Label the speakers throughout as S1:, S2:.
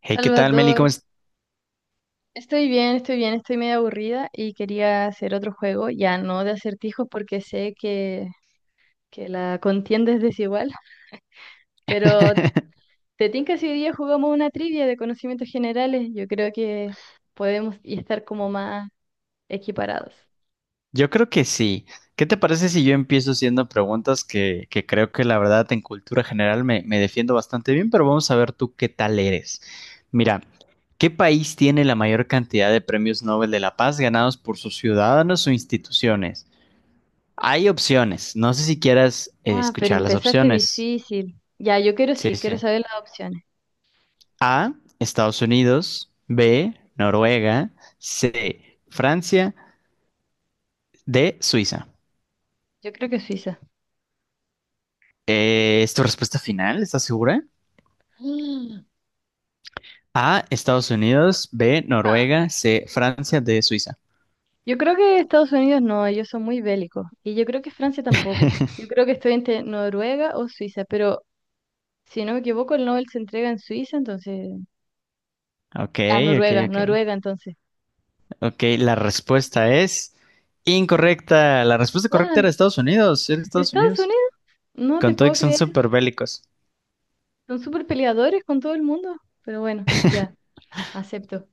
S1: Hey, ¿qué tal, Meli?
S2: Salvador, estoy bien, estoy bien, estoy medio aburrida y quería hacer otro juego, ya no de acertijos porque sé que la contienda es desigual, pero te tinca si hoy día jugamos una trivia de conocimientos generales, yo creo que podemos y estar como más equiparados.
S1: Yo creo que sí. ¿Qué te parece si yo empiezo haciendo preguntas que creo que la verdad en cultura general me defiendo bastante bien, pero vamos a ver tú qué tal eres. Mira, ¿qué país tiene la mayor cantidad de premios Nobel de la Paz ganados por sus ciudadanos o instituciones? Hay opciones. No sé si quieras
S2: Ah, pero
S1: escuchar las
S2: empezaste
S1: opciones.
S2: difícil. Ya, yo
S1: Sí, sí.
S2: quiero saber las opciones.
S1: A, Estados Unidos, B, Noruega, C, Francia, D, Suiza.
S2: Yo creo que Suiza.
S1: ¿Es tu respuesta final? ¿Estás segura? A, Estados Unidos, B,
S2: Mm.
S1: Noruega, C, Francia, D, Suiza.
S2: Yo creo que Estados Unidos no, ellos son muy bélicos. Y yo creo que Francia tampoco. Yo creo que estoy entre Noruega o Suiza, pero si no me equivoco, el Nobel se entrega en Suiza, entonces...
S1: Ok,
S2: Ah,
S1: ok,
S2: Noruega,
S1: ok.
S2: Noruega, entonces.
S1: Ok, la respuesta es incorrecta. La respuesta correcta era
S2: ¿Cuál?
S1: Estados Unidos, era Estados
S2: ¿Estados
S1: Unidos.
S2: Unidos? No te
S1: Con todo y
S2: puedo
S1: que son
S2: creer.
S1: súper bélicos.
S2: Son súper peleadores con todo el mundo. Pero bueno, ya, acepto.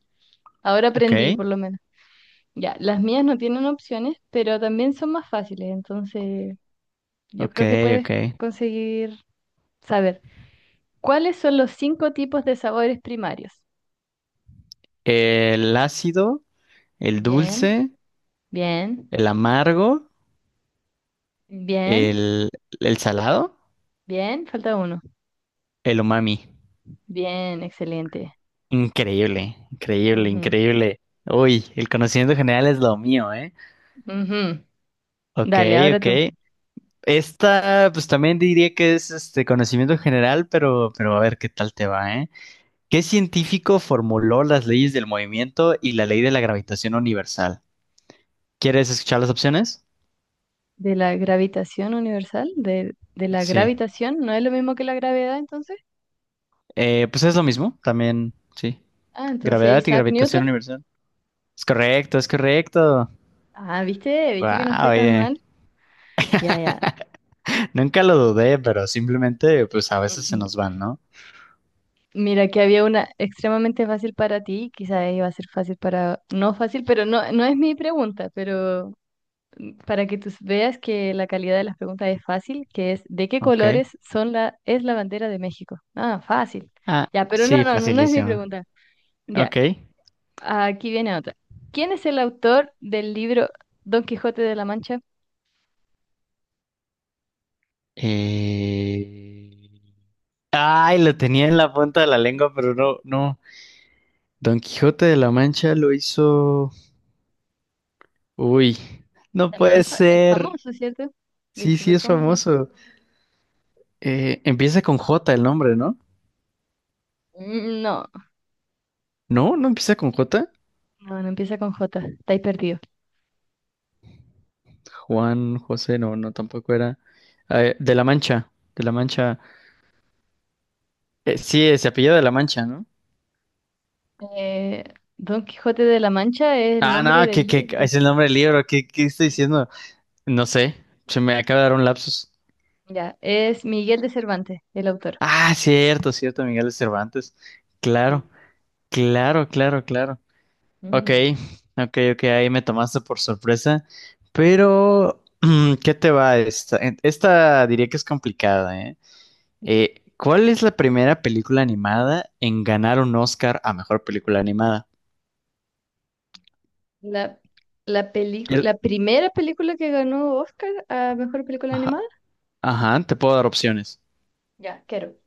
S2: Ahora aprendí,
S1: Ok,
S2: por lo menos. Ya, las mías no tienen opciones, pero también son más fáciles, entonces yo
S1: ok,
S2: creo que puedes
S1: ok.
S2: conseguir saber. ¿Cuáles son los cinco tipos de sabores primarios?
S1: El ácido, el
S2: Bien,
S1: dulce,
S2: bien,
S1: el amargo,
S2: bien,
S1: el, el salado,
S2: bien, falta uno.
S1: el umami.
S2: Bien, excelente.
S1: Increíble, increíble,
S2: Ujú,
S1: increíble. Uy, el conocimiento general es lo mío, ¿eh?
S2: ujú.
S1: Ok,
S2: Dale, ahora
S1: ok.
S2: tú.
S1: Esta, pues también diría que es este conocimiento general, pero a ver qué tal te va, ¿eh? ¿Qué científico formuló las leyes del movimiento y la ley de la gravitación universal? ¿Quieres escuchar las opciones?
S2: ¿De la gravitación universal? ¿De la
S1: Sí.
S2: gravitación? ¿No es lo mismo que la gravedad entonces?
S1: Pues es lo mismo, también, sí.
S2: Ah, entonces
S1: Gravedad y
S2: Isaac
S1: gravitación
S2: Newton.
S1: universal. Es correcto, es correcto.
S2: Ah, viste, viste que no
S1: Wow,
S2: estoy tan
S1: oye.
S2: mal. Ya, ya.
S1: Nunca lo dudé, pero simplemente, pues a veces se
S2: Ujú.
S1: nos van, ¿no?
S2: Mira que había una extremadamente fácil para ti, quizás iba a ser fácil para... No fácil, pero no, no es mi pregunta, pero para que tú veas que la calidad de las preguntas es fácil, que es ¿de qué
S1: Ok.
S2: colores son la, es la bandera de México? Ah, fácil.
S1: Ah,
S2: Ya, pero no,
S1: sí,
S2: no, no, no es mi
S1: facilísimo.
S2: pregunta. Ya,
S1: Ok.
S2: aquí viene otra. ¿Quién es el autor del libro Don Quijote de la Mancha?
S1: Eh, Ay, lo tenía en la punta de la lengua, pero no, no. Don Quijote de la Mancha lo hizo. Uy, no
S2: También
S1: puede
S2: es
S1: ser.
S2: famoso, ¿cierto? Es
S1: Sí, sí,
S2: súper
S1: es
S2: famoso.
S1: famoso. Empieza con J el nombre, ¿no?
S2: Mm, No,
S1: No, no empieza con J.
S2: no, no empieza con J, estáis perdido.
S1: Juan, José, no, no, tampoco era. De la Mancha, de la Mancha. Sí, se apellida de la Mancha, ¿no?
S2: Eh, Don Quijote de la Mancha es el
S1: Ah, no,
S2: nombre del
S1: que
S2: libro.
S1: es el nombre del libro. ¿Qué estoy
S2: Sí.
S1: diciendo? No sé, se me acaba de dar un lapsus.
S2: Ya, es Miguel de Cervantes, el autor.
S1: Ah, cierto, cierto, Miguel de Cervantes. Claro,
S2: Sí.
S1: claro, claro, claro. Ok, ok, ok, ahí me tomaste por sorpresa. Pero, ¿qué te va esta? Esta diría que es complicada, ¿eh? ¿Cuál es la primera película animada en ganar un Oscar a mejor película animada?
S2: La, la película,
S1: El-
S2: la primera película que ganó Oscar a mejor película
S1: Ajá,
S2: animada.
S1: ajá, te puedo dar opciones.
S2: Ya, quiero.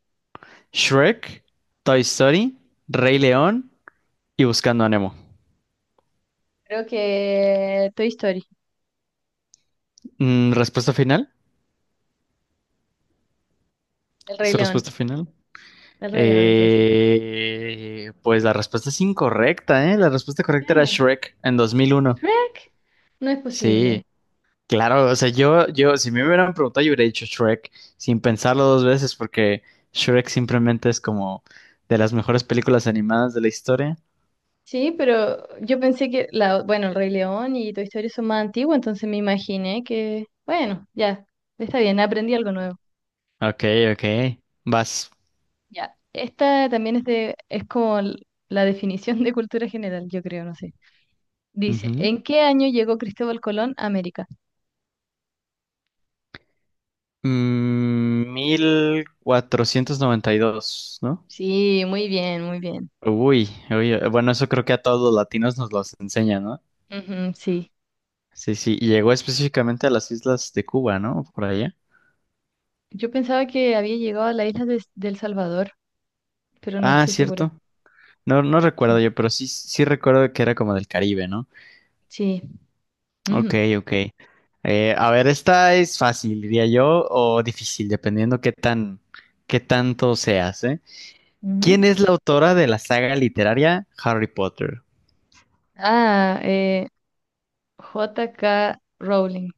S1: Shrek, Toy Story, Rey León y Buscando a Nemo.
S2: Creo que Toy Story,
S1: ¿Respuesta final?
S2: El Rey
S1: ¿Su
S2: León.
S1: respuesta final?
S2: El Rey León, entonces.
S1: Pues la respuesta es incorrecta, ¿eh? La respuesta correcta era
S2: Eh,
S1: Shrek en 2001.
S2: Shrek. No es
S1: Sí,
S2: posible.
S1: claro, o sea, yo, si me hubieran preguntado, yo hubiera dicho Shrek sin pensarlo dos veces, porque Shrek simplemente es como de las mejores películas animadas de la historia.
S2: Sí, pero yo pensé que la, bueno, El Rey León y Toy Story son más antiguos, entonces me imaginé que, bueno, ya, está bien, aprendí algo nuevo.
S1: Ok, ok, vas.
S2: Ya. Esta también es de, es como la definición de cultura general, yo creo, no sé. Dice,
S1: Ujú.
S2: ¿en qué año llegó Cristóbal Colón a América?
S1: 1492, ¿no?
S2: Sí, muy bien, muy bien.
S1: Uy, uy, bueno, eso creo que a todos los latinos nos los enseñan.
S2: Ujú, sí.
S1: Sí, sí, y llegó específicamente a las islas de Cuba, ¿no? Por allá.
S2: Yo pensaba que había llegado a la isla de, del Salvador, pero no
S1: Ah,
S2: estoy segura.
S1: cierto. No, no
S2: Sí.
S1: recuerdo yo, pero sí, sí recuerdo que era como del Caribe, ¿no?
S2: Sí.
S1: Ok,
S2: Ujú,
S1: ok. A ver, esta es fácil, diría yo, o difícil, dependiendo qué tanto seas, ¿eh? ¿Quién
S2: ujú.
S1: es la autora de la saga literaria Harry Potter?
S2: Ah, J K. Rowling.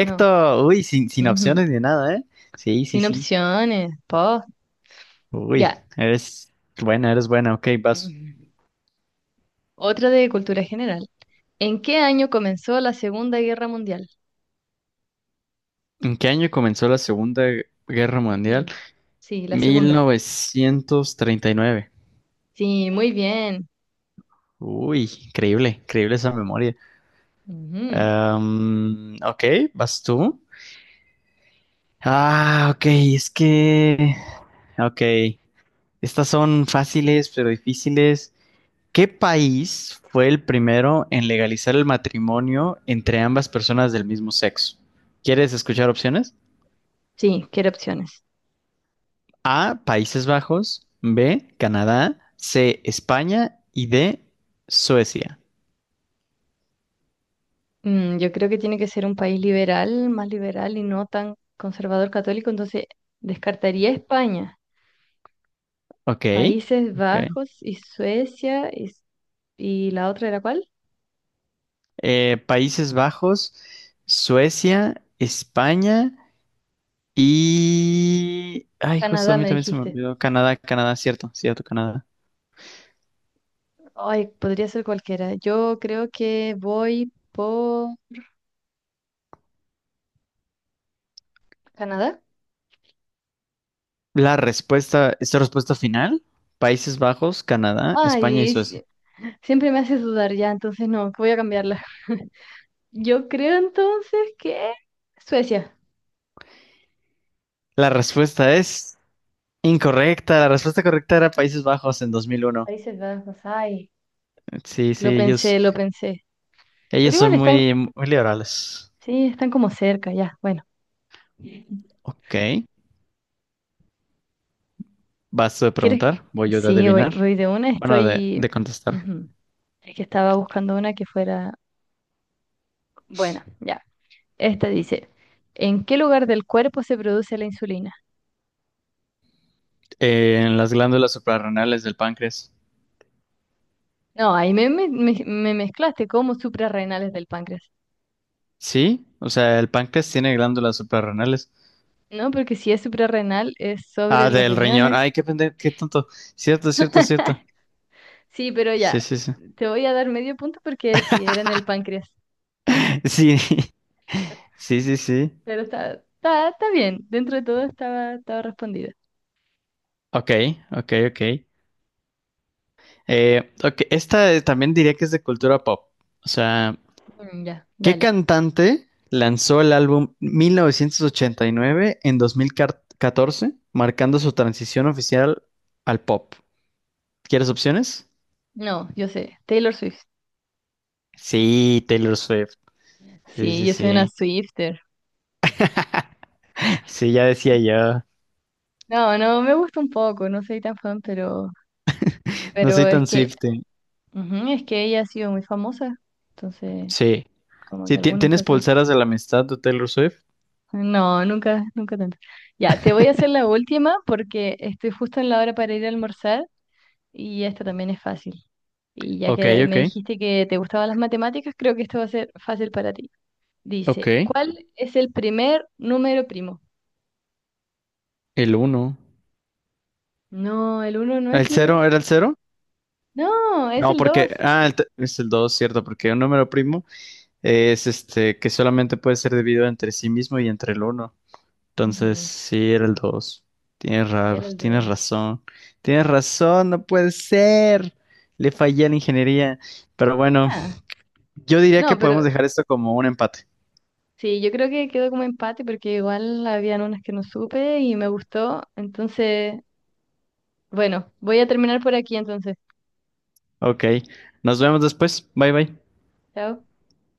S2: No.
S1: Uy, sin
S2: Ujú.
S1: opciones ni nada, ¿eh? Sí, sí,
S2: Sin
S1: sí.
S2: opciones. Po.
S1: Uy,
S2: Ya.
S1: eres buena, eres buena. Ok, vas.
S2: Ujú. Otra de cultura general. ¿En qué año comenzó la Segunda Guerra Mundial?
S1: ¿En qué año comenzó la Segunda Guerra Mundial?
S2: Ujú. Sí, la segunda.
S1: 1939.
S2: Sí, muy bien.
S1: Uy, increíble, increíble esa memoria.
S2: Ujú.
S1: Ok, ¿vas tú? Ah, ok, es que... Ok, estas son fáciles pero difíciles. ¿Qué país fue el primero en legalizar el matrimonio entre ambas personas del mismo sexo? ¿Quieres escuchar opciones?
S2: Sí, quiero opciones.
S1: A, Países Bajos, B, Canadá, C, España y D, Suecia.
S2: Mm, yo creo que tiene que ser un país liberal, más liberal y no tan conservador católico, entonces descartaría España,
S1: Ok,
S2: Países
S1: ok.
S2: Bajos y Suecia y, ¿y la otra era cuál?
S1: Países Bajos, Suecia, España y... Ay, justo a
S2: Canadá,
S1: mí
S2: me
S1: también se me
S2: dijiste.
S1: olvidó. Canadá, Canadá, cierto, cierto, Canadá.
S2: Ay, podría ser cualquiera. Yo creo que voy por Canadá.
S1: Esta respuesta final, Países Bajos, Canadá, España y
S2: Ay, si-
S1: Suecia.
S2: siempre me haces dudar ya, entonces no, que voy a cambiarla. Yo creo entonces que Suecia,
S1: La respuesta es incorrecta. La respuesta correcta era Países Bajos en 2001.
S2: Países Bajos, ay,
S1: Sí, sí,
S2: lo
S1: ellos,
S2: pensé, lo pensé.
S1: ellos
S2: Pero
S1: son
S2: igual están,
S1: muy, muy liberales.
S2: sí, están como cerca, ya. Bueno,
S1: Ok. Vas tú de
S2: ¿quieres?
S1: preguntar, voy yo de
S2: Sí, voy,
S1: adivinar.
S2: voy de una,
S1: Bueno, de,
S2: estoy...
S1: de contestar.
S2: Ujú. Es que estaba buscando una que fuera buena, ya. Esta dice, ¿en qué lugar del cuerpo se produce la insulina?
S1: En las glándulas suprarrenales del páncreas.
S2: No, ahí me mezclaste como suprarrenales del páncreas.
S1: Sí, o sea, el páncreas tiene glándulas suprarrenales.
S2: No, porque si es suprarrenal es sobre
S1: Ah,
S2: los
S1: del riñón.
S2: riñones.
S1: Ay, qué pendejo, qué tonto. Cierto, cierto, cierto.
S2: Sí, pero ya,
S1: Sí, sí, sí.
S2: te voy a dar medio punto porque si era en el páncreas.
S1: Sí, sí, sí, sí.
S2: Pero está bien, dentro de todo estaba, estaba respondida.
S1: Ok, ok, ok. Ok, esta también diría que es de cultura pop. O sea,
S2: Mm, ya,
S1: ¿qué
S2: dale.
S1: cantante lanzó el álbum 1989 en 2014, marcando su transición oficial al pop? ¿Quieres opciones?
S2: No, yo sé, Taylor Swift.
S1: Sí, Taylor Swift. Sí,
S2: Sí,
S1: sí,
S2: yo soy una
S1: sí.
S2: Swifter.
S1: Sí, ya decía yo.
S2: No, no, me gusta un poco, no soy tan fan,
S1: No
S2: pero
S1: soy
S2: es
S1: tan
S2: que,
S1: Swift.
S2: ujú, es que ella ha sido muy famosa, entonces,
S1: Sí.
S2: como que algunas
S1: ¿Tienes
S2: cosas.
S1: pulseras de la amistad de Taylor Swift?
S2: No, nunca, nunca tanto. Ya, te voy a hacer la última porque estoy justo en la hora para ir a almorzar y esta también es fácil. Y ya
S1: Ok,
S2: que me
S1: ok.
S2: dijiste que te gustaban las matemáticas, creo que esto va a ser fácil para ti.
S1: Ok.
S2: Dice, ¿cuál es el primer número primo?
S1: El uno.
S2: No, el uno no es
S1: ¿El
S2: número.
S1: cero? ¿Era el cero?
S2: No, es
S1: No,
S2: el
S1: porque.
S2: 2.
S1: Ah, es el dos, cierto, porque un número primo es este que solamente puede ser dividido entre sí mismo y entre el uno. Entonces,
S2: Ujú,
S1: sí, era el 2.
S2: era el
S1: Tienes
S2: 2.
S1: razón. Tienes razón, no puede ser. Le fallé a la ingeniería. Pero bueno.
S2: Ah,
S1: Yo diría que
S2: no, pero
S1: podemos dejar esto como un empate.
S2: sí, yo creo que quedó como empate porque igual habían unas que no supe y me gustó. Entonces, bueno, voy a terminar por aquí entonces.
S1: Ok, nos vemos después. Bye bye.
S2: Chao.